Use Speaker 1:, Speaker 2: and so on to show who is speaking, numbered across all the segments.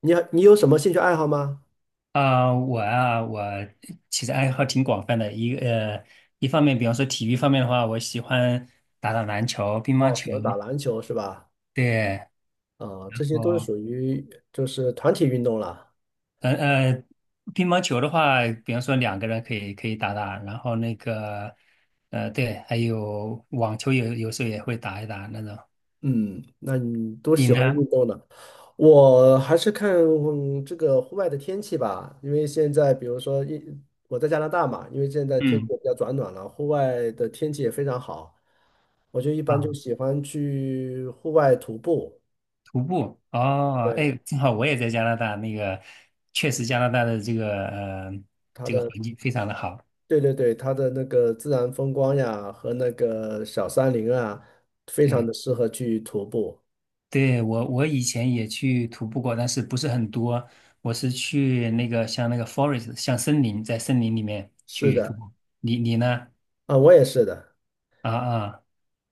Speaker 1: 你有什么兴趣爱好吗？
Speaker 2: 我其实爱好挺广泛的。一方面，比方说体育方面的话，我喜欢打打篮球、乒乓
Speaker 1: 哦，
Speaker 2: 球。
Speaker 1: 喜欢打篮球是吧？
Speaker 2: 对。
Speaker 1: 啊，这些都是
Speaker 2: 哦。
Speaker 1: 属于就是团体运动了。
Speaker 2: 呃呃，乒乓球的话，比方说两个人可以打打，然后那个，对，还有网球有时候也会打一打那种。
Speaker 1: 嗯，那你都
Speaker 2: 你
Speaker 1: 喜欢
Speaker 2: 呢？
Speaker 1: 运动呢？我还是看这个户外的天气吧，因为现在比如说我在加拿大嘛，因为现在天气
Speaker 2: 嗯。
Speaker 1: 也比较转暖了，户外的天气也非常好，我就一般就
Speaker 2: 啊，
Speaker 1: 喜欢去户外徒步。
Speaker 2: 徒步哦。
Speaker 1: 对，
Speaker 2: 哎，正好我也在加拿大，那个确实加拿大的这个呃
Speaker 1: 它
Speaker 2: 这个环
Speaker 1: 的
Speaker 2: 境非常的好。
Speaker 1: 对对对，它的那个自然风光呀和那个小山林啊，非常的
Speaker 2: 对。
Speaker 1: 适合去徒步。
Speaker 2: 对，我以前也去徒步过，但是不是很多。我是去那个像那个 forest，像森林，在森林里面
Speaker 1: 是
Speaker 2: 去徒
Speaker 1: 的，
Speaker 2: 步。你呢？
Speaker 1: 啊，我也是的。
Speaker 2: 啊啊，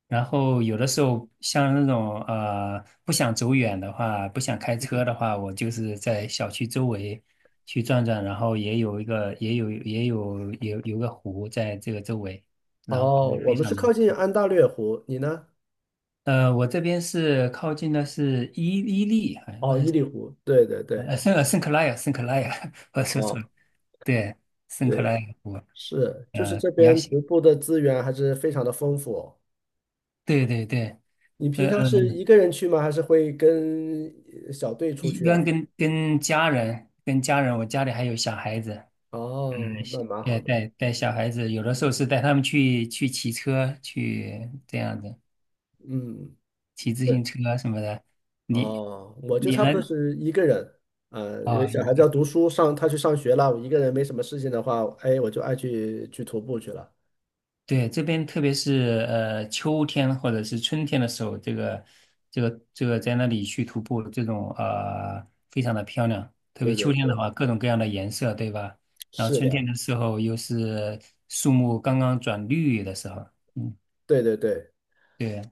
Speaker 2: 然后有的时候像那种不想走远的话，不想开车的话，我就是在小区周围去转转，然后也有也有也有有个湖在这个周围，然后环
Speaker 1: 哦，
Speaker 2: 境
Speaker 1: 我
Speaker 2: 非
Speaker 1: 们
Speaker 2: 常
Speaker 1: 是
Speaker 2: 的。
Speaker 1: 靠近安大略湖，你呢？
Speaker 2: 我这边是靠近的是伊利，还
Speaker 1: 哦，伊犁湖。对对对，
Speaker 2: 圣克莱尔，圣克莱尔，我说错了，
Speaker 1: 哦，
Speaker 2: 对，圣克
Speaker 1: 对，
Speaker 2: 莱尔湖。
Speaker 1: 是，就是这
Speaker 2: 杨
Speaker 1: 边
Speaker 2: 喜，
Speaker 1: 徒步的资源还是非常的丰富哦。
Speaker 2: 对对对。
Speaker 1: 你平
Speaker 2: 呃
Speaker 1: 常是
Speaker 2: 嗯，
Speaker 1: 一个人去吗？还是会跟小队出
Speaker 2: 一
Speaker 1: 去
Speaker 2: 般
Speaker 1: 啊？
Speaker 2: 跟家人，跟家人，我家里还有小孩子。嗯，
Speaker 1: 哦，那
Speaker 2: 是
Speaker 1: 蛮
Speaker 2: 对
Speaker 1: 好的。
Speaker 2: 带带小孩子，有的时候是带他们去骑车，去这样子，
Speaker 1: 嗯，
Speaker 2: 骑自行
Speaker 1: 对。
Speaker 2: 车什么的。你
Speaker 1: 哦，我就
Speaker 2: 你
Speaker 1: 差
Speaker 2: 呢？
Speaker 1: 不多是一个人，呃，因为
Speaker 2: 哦，
Speaker 1: 小孩子要读书，上他去上学了，我一个人没什么事情的话，哎，我就爱去徒步去了。
Speaker 2: 对，这边特别是秋天或者是春天的时候，这个在那里去徒步，这种非常的漂亮。特别
Speaker 1: 对
Speaker 2: 秋
Speaker 1: 对
Speaker 2: 天的
Speaker 1: 对，
Speaker 2: 话，各种各样的颜色，对吧？然后
Speaker 1: 是
Speaker 2: 春天
Speaker 1: 的，
Speaker 2: 的时候又是树木刚刚转绿的时候。嗯，
Speaker 1: 对对对，
Speaker 2: 对。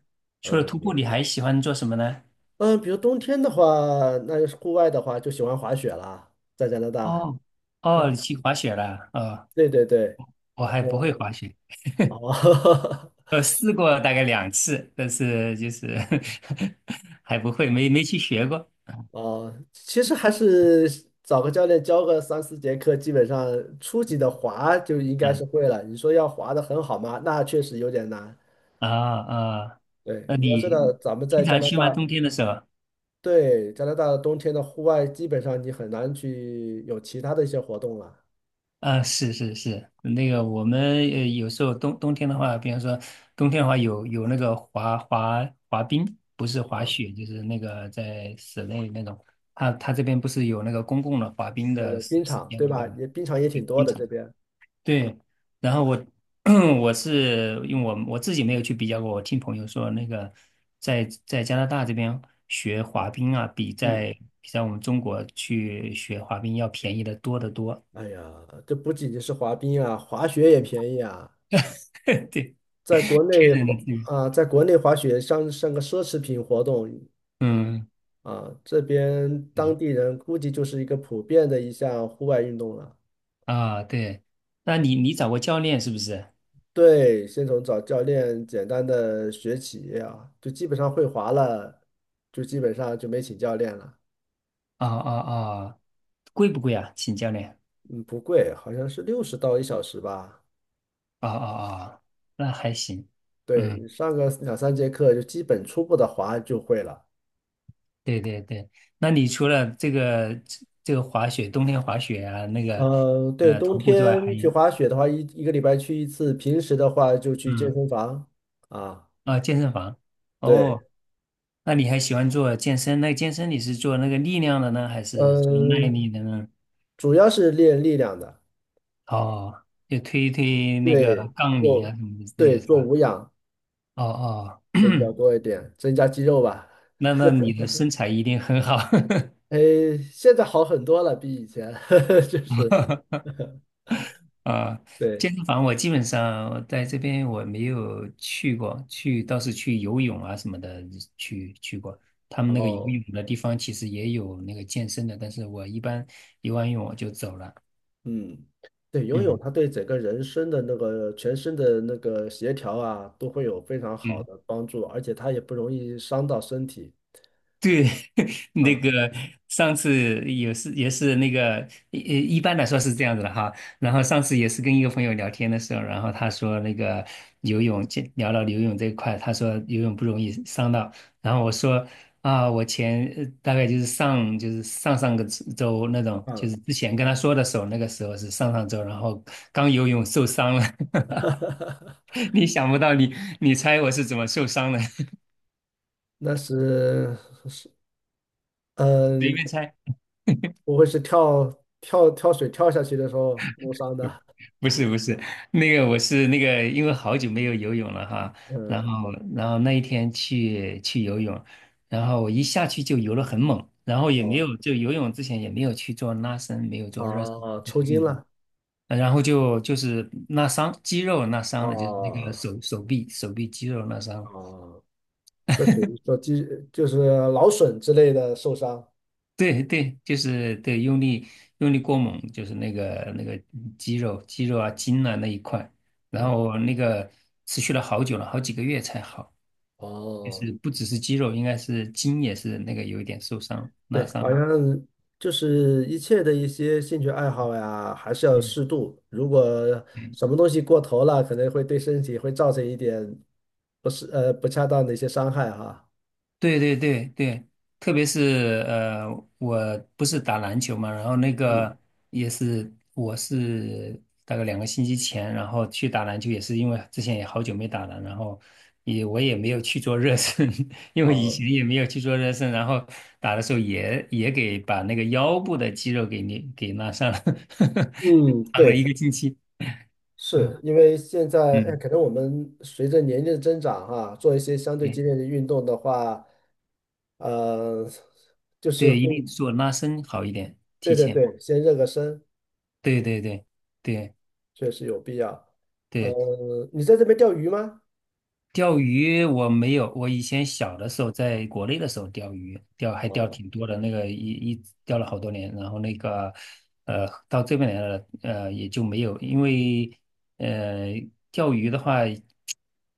Speaker 2: 除了
Speaker 1: 嗯
Speaker 2: 徒步，你还喜欢做什么呢？
Speaker 1: 嗯，比如冬天的话，那就是户外的话，就喜欢滑雪啦，在加拿大。
Speaker 2: 哦哦，你去滑雪了？哦，
Speaker 1: 对对对，
Speaker 2: 我还不会
Speaker 1: 我
Speaker 2: 滑雪。
Speaker 1: 哦
Speaker 2: 试过大概两次，但是就是 还不会，没去学过。
Speaker 1: 哦，其实还是找个教练教个3、4节课，基本上初级的滑就应该是
Speaker 2: 啊
Speaker 1: 会了。你说要滑的很好吗？那确实有点难。
Speaker 2: 啊啊，
Speaker 1: 对，
Speaker 2: 那
Speaker 1: 你要知道，
Speaker 2: 你
Speaker 1: 咱们在
Speaker 2: 经
Speaker 1: 加
Speaker 2: 常
Speaker 1: 拿
Speaker 2: 去吗？
Speaker 1: 大，
Speaker 2: 冬天的时候？
Speaker 1: 对，加拿大的冬天的户外，基本上你很难去有其他的一些活动了
Speaker 2: 啊，是是是，那个我们有时候冬天的话，比方说冬天的话有那个滑冰，不是滑
Speaker 1: 啊。
Speaker 2: 雪，就是那个在室内那种。他这边不是有那个公共的滑冰
Speaker 1: 那
Speaker 2: 的
Speaker 1: 个
Speaker 2: 时
Speaker 1: 冰
Speaker 2: 时
Speaker 1: 场，
Speaker 2: 间
Speaker 1: 对
Speaker 2: 吗？对
Speaker 1: 吧？
Speaker 2: 吗？
Speaker 1: 也冰场也
Speaker 2: 对
Speaker 1: 挺多
Speaker 2: 冰
Speaker 1: 的
Speaker 2: 场。
Speaker 1: 这边。
Speaker 2: 对，然后我 我是因为我自己没有去比较过，我听朋友说那个在加拿大这边学滑冰啊，比
Speaker 1: 嗯，
Speaker 2: 在比在我们中国去学滑冰要便宜的多得多。
Speaker 1: 哎呀，这不仅仅是滑冰啊，滑雪也便宜啊。
Speaker 2: 对。
Speaker 1: 在国内滑
Speaker 2: 嗯
Speaker 1: 啊，在国内滑雪像个奢侈品活动
Speaker 2: 嗯
Speaker 1: 啊，这边当
Speaker 2: 嗯。
Speaker 1: 地人估计就是一个普遍的一项户外运动了。
Speaker 2: 啊，对，那你找过教练是不是？
Speaker 1: 对，先从找教练简单的学起啊，就基本上会滑了，就基本上就没请教练了。
Speaker 2: 啊啊啊，贵不贵啊？请教练。
Speaker 1: 嗯，不贵，好像是60到一小时吧。
Speaker 2: 啊啊啊，那还行。
Speaker 1: 对，你
Speaker 2: 嗯。
Speaker 1: 上个2、3节课就基本初步的滑就会了。
Speaker 2: 对对对，那你除了这个滑雪，冬天滑雪啊，那个
Speaker 1: 嗯，对，冬
Speaker 2: 徒步之外，还
Speaker 1: 天去
Speaker 2: 有
Speaker 1: 滑雪的话，一个礼拜去一次，平时的话就去健
Speaker 2: 嗯
Speaker 1: 身房啊。
Speaker 2: 健身房哦。
Speaker 1: 对，
Speaker 2: 那你还喜欢做健身？那健身你是做那个力量的呢，还是做耐
Speaker 1: 嗯，
Speaker 2: 力的呢？
Speaker 1: 主要是练力量的，
Speaker 2: 哦，就推一推那
Speaker 1: 对，
Speaker 2: 个杠铃啊
Speaker 1: 做
Speaker 2: 什么之类
Speaker 1: 对
Speaker 2: 的是
Speaker 1: 做
Speaker 2: 吧？
Speaker 1: 无氧
Speaker 2: 哦哦，
Speaker 1: 会比较多一点，增加肌肉吧。
Speaker 2: 那你的身材一定很好。
Speaker 1: 哎，现在好很多了，比以前，就是
Speaker 2: 啊，
Speaker 1: 对，
Speaker 2: 健身房我基本上在这边我没有去过，去倒是去游泳啊什么的去过。他们
Speaker 1: 然
Speaker 2: 那个游
Speaker 1: 后
Speaker 2: 泳的地方其实也有那个健身的，但是我一般游完泳我就走了。
Speaker 1: 嗯，对，游泳
Speaker 2: 嗯
Speaker 1: 它对整个人生的那个全身的那个协调啊，都会有非常好
Speaker 2: 嗯。
Speaker 1: 的帮助，而且它也不容易伤到身体。
Speaker 2: 对。那
Speaker 1: 嗯
Speaker 2: 个上次也是那个一般来说是这样子的哈。然后上次也是跟一个朋友聊天的时候，然后他说那个游泳，就聊到游泳这一块，他说游泳不容易伤到。然后我说啊，我前大概就是上上个周那种，就
Speaker 1: 嗯，
Speaker 2: 是之前跟他说的时候，那个时候是上上周，然后刚游泳受伤了。你想不到你，你猜我是怎么受伤的？
Speaker 1: 那是
Speaker 2: 随
Speaker 1: 嗯，
Speaker 2: 便猜。
Speaker 1: 不会是跳水跳下去的时候弄伤的。
Speaker 2: 不是不是，那个我是那个，因为好久没有游泳了哈。然
Speaker 1: 嗯，
Speaker 2: 后然后那一天去游泳，然后我一下去就游了很猛，然后也没
Speaker 1: 哦
Speaker 2: 有就游泳之前也没有去做拉伸，没有做热身
Speaker 1: 哦，
Speaker 2: 的
Speaker 1: 抽筋
Speaker 2: 运动，
Speaker 1: 了。
Speaker 2: 然后就是拉伤肌肉拉伤了，就是那个
Speaker 1: 哦
Speaker 2: 手臂肌肉拉伤了。
Speaker 1: 哦，这属于说就是劳损之类的受伤。
Speaker 2: 对对，就是对用力过猛，就是那个肌肉啊筋啊那一块，然
Speaker 1: 嗯
Speaker 2: 后那个持续了好久了，好几个月才好。就
Speaker 1: 哦，
Speaker 2: 是不只是肌肉，应该是筋也是那个有一点受伤拉
Speaker 1: 对，好像
Speaker 2: 伤。
Speaker 1: 就是一切的一些兴趣爱好呀，还是要
Speaker 2: 嗯
Speaker 1: 适度。如果
Speaker 2: 嗯。
Speaker 1: 什么东西过头了，可能会对身体会造成一点不是不恰当的一些伤害哈。
Speaker 2: 对对对对，特别是我不是打篮球嘛。然后那
Speaker 1: 嗯，
Speaker 2: 个也是我是大概两个星期前，然后去打篮球，也是因为之前也好久没打了，然后也我也没有去做热身。因为以
Speaker 1: 哦，
Speaker 2: 前也没有去做热身，然后打的时候也给把那个腰部的肌肉给你给拉伤了，
Speaker 1: 嗯，
Speaker 2: 躺了一
Speaker 1: 对，
Speaker 2: 个星期。嗯
Speaker 1: 是因为现在，哎，
Speaker 2: 嗯。
Speaker 1: 可能我们随着年龄的增长哈，做一些相对激烈的运动的话，呃，就是
Speaker 2: 对，一
Speaker 1: 会
Speaker 2: 定做拉伸好一点，
Speaker 1: 对
Speaker 2: 提
Speaker 1: 对
Speaker 2: 前。
Speaker 1: 对，先热个身，
Speaker 2: 对对对对
Speaker 1: 确实有必要。
Speaker 2: 对，
Speaker 1: 你在这边钓鱼吗？
Speaker 2: 钓鱼我没有，我以前小的时候在国内的时候钓鱼，钓还钓
Speaker 1: 哦，
Speaker 2: 挺多的，那个钓了好多年，然后那个到这边来了。也就没有，因为呃钓鱼的话，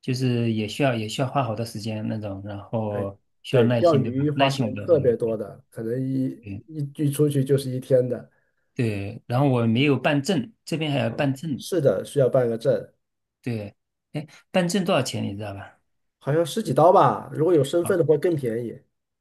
Speaker 2: 就是也需要花好多时间那种，然
Speaker 1: 对
Speaker 2: 后需要
Speaker 1: 对，
Speaker 2: 耐
Speaker 1: 钓
Speaker 2: 心，对吧？
Speaker 1: 鱼、
Speaker 2: 耐
Speaker 1: 滑
Speaker 2: 心我
Speaker 1: 行
Speaker 2: 倒是
Speaker 1: 特别
Speaker 2: 有。
Speaker 1: 多的，可能一
Speaker 2: 对
Speaker 1: 一一出去就是一天的。
Speaker 2: 对，然后我没有办证，这边还要办证，
Speaker 1: 是的，需要办个证，
Speaker 2: 对。哎，办证多少钱你知道吧？
Speaker 1: 好像十几刀吧。如果有身份
Speaker 2: 啊。
Speaker 1: 的话更便宜。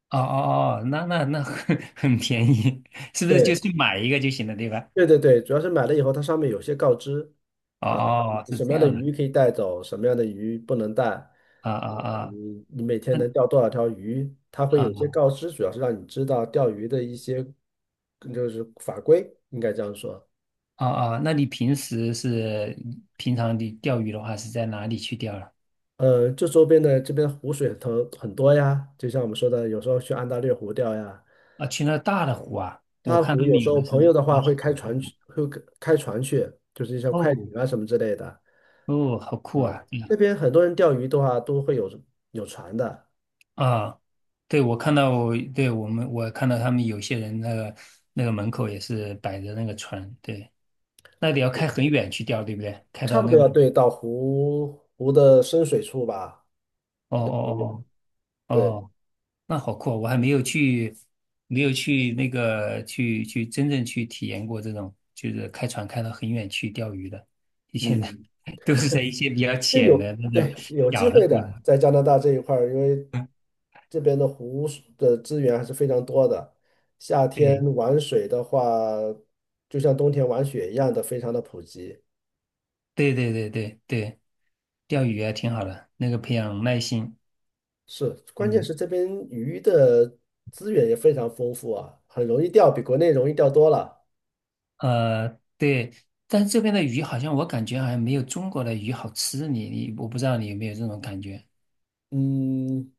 Speaker 2: 哦哦哦，那很 很便宜，是不是就
Speaker 1: 对
Speaker 2: 去买一个就行了，对吧？
Speaker 1: 对对对，主要是买了以后，它上面有些告知
Speaker 2: 哦
Speaker 1: 啊，
Speaker 2: 哦，
Speaker 1: 你
Speaker 2: 是
Speaker 1: 什么
Speaker 2: 这
Speaker 1: 样的
Speaker 2: 样的。
Speaker 1: 鱼可以带走，什么样的鱼不能带，
Speaker 2: 啊啊
Speaker 1: 嗯
Speaker 2: 啊。
Speaker 1: 你你每天
Speaker 2: 那
Speaker 1: 能钓多少条鱼，它会有些
Speaker 2: 啊
Speaker 1: 告知，主要是让你知道钓鱼的一些就是法规，应该这样说。
Speaker 2: 啊啊，那你平时是平常你钓鱼的话是在哪里去钓了？
Speaker 1: 这周边的这边湖水很多呀，就像我们说的，有时候去安大略湖钓呀，
Speaker 2: 啊，去那大的湖啊，我
Speaker 1: 大
Speaker 2: 看他
Speaker 1: 湖
Speaker 2: 们
Speaker 1: 有时
Speaker 2: 有
Speaker 1: 候
Speaker 2: 的是
Speaker 1: 朋友的
Speaker 2: 那
Speaker 1: 话
Speaker 2: 小
Speaker 1: 会开
Speaker 2: 的
Speaker 1: 船去，
Speaker 2: 湖。
Speaker 1: 会开船去，就是一些快
Speaker 2: 哦
Speaker 1: 艇啊什么之类的。
Speaker 2: 哦，好酷
Speaker 1: 嗯，
Speaker 2: 啊。对
Speaker 1: 这
Speaker 2: 呀。
Speaker 1: 边很多人钓鱼的话都会有船的，
Speaker 2: 啊。对，我看到我，对，我们，我看到他们有些人那个门口也是摆着那个船，对。那得要开很远去钓，对不对？开
Speaker 1: 差
Speaker 2: 到
Speaker 1: 不多
Speaker 2: 那个，
Speaker 1: 要对到湖的深水处吧。
Speaker 2: 哦哦哦哦
Speaker 1: 对，
Speaker 2: 哦，那好酷哦！我还没有去，没有去那个去真正去体验过这种，就是开船开到很远去钓鱼的。以前的
Speaker 1: 嗯。
Speaker 2: 都是在一些比较
Speaker 1: 这
Speaker 2: 浅的
Speaker 1: 有，
Speaker 2: 那种
Speaker 1: 对，有机
Speaker 2: 小的
Speaker 1: 会
Speaker 2: 湖
Speaker 1: 的，
Speaker 2: 里。
Speaker 1: 在加拿大这一块儿，因为这边的湖水的资源还是非常多的。夏天玩水的话，就像冬天玩雪一样的，非常的普及。
Speaker 2: 对对对对对对，钓鱼啊挺好的，那个培养耐心。
Speaker 1: 是，关键
Speaker 2: 嗯
Speaker 1: 是这边鱼的资源也非常丰富啊，很容易钓，比国内容易钓多了。
Speaker 2: 呃，对，但是这边的鱼好像我感觉好像没有中国的鱼好吃，你我不知道你有没有这种感觉。
Speaker 1: 嗯，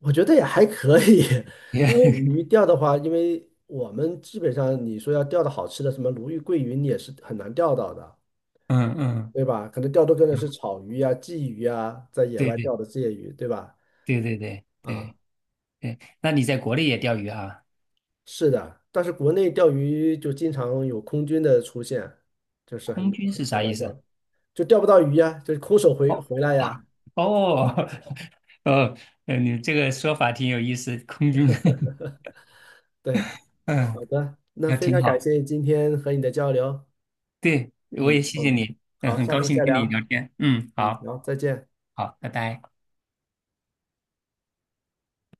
Speaker 1: 我觉得也还可以，因为 鱼钓的话，因为我们基本上你说要钓的好吃的，什么鲈鱼、桂鱼，你也是很难钓到的。
Speaker 2: 嗯嗯。
Speaker 1: 对吧？可能钓多更的是
Speaker 2: 嗯。
Speaker 1: 草鱼呀、鲫鱼呀，在野
Speaker 2: 对
Speaker 1: 外
Speaker 2: 对
Speaker 1: 钓的这些鱼，对吧？
Speaker 2: 对对对
Speaker 1: 啊，
Speaker 2: 对对，那你在国内也钓鱼啊？
Speaker 1: 是的，但是国内钓鱼就经常有空军的出现，就是很
Speaker 2: 空军
Speaker 1: 很
Speaker 2: 是
Speaker 1: 很
Speaker 2: 啥意
Speaker 1: 难钓，
Speaker 2: 思？
Speaker 1: 就钓不到鱼呀，就是空手回
Speaker 2: 哦。
Speaker 1: 回来
Speaker 2: 啊。
Speaker 1: 呀。
Speaker 2: 哦。 哦，你这个说法挺有意思，空军。
Speaker 1: 对，
Speaker 2: 嗯，
Speaker 1: 好的，那
Speaker 2: 那
Speaker 1: 非常
Speaker 2: 挺
Speaker 1: 感
Speaker 2: 好。
Speaker 1: 谢今天和你的交流，
Speaker 2: 对，我也
Speaker 1: 嗯
Speaker 2: 谢谢
Speaker 1: 嗯，
Speaker 2: 你。嗯，
Speaker 1: 好，
Speaker 2: 很
Speaker 1: 下
Speaker 2: 高
Speaker 1: 次
Speaker 2: 兴
Speaker 1: 再
Speaker 2: 跟
Speaker 1: 聊，
Speaker 2: 你聊天。嗯，
Speaker 1: 嗯，
Speaker 2: 好。
Speaker 1: 好，再见。
Speaker 2: 好，拜拜。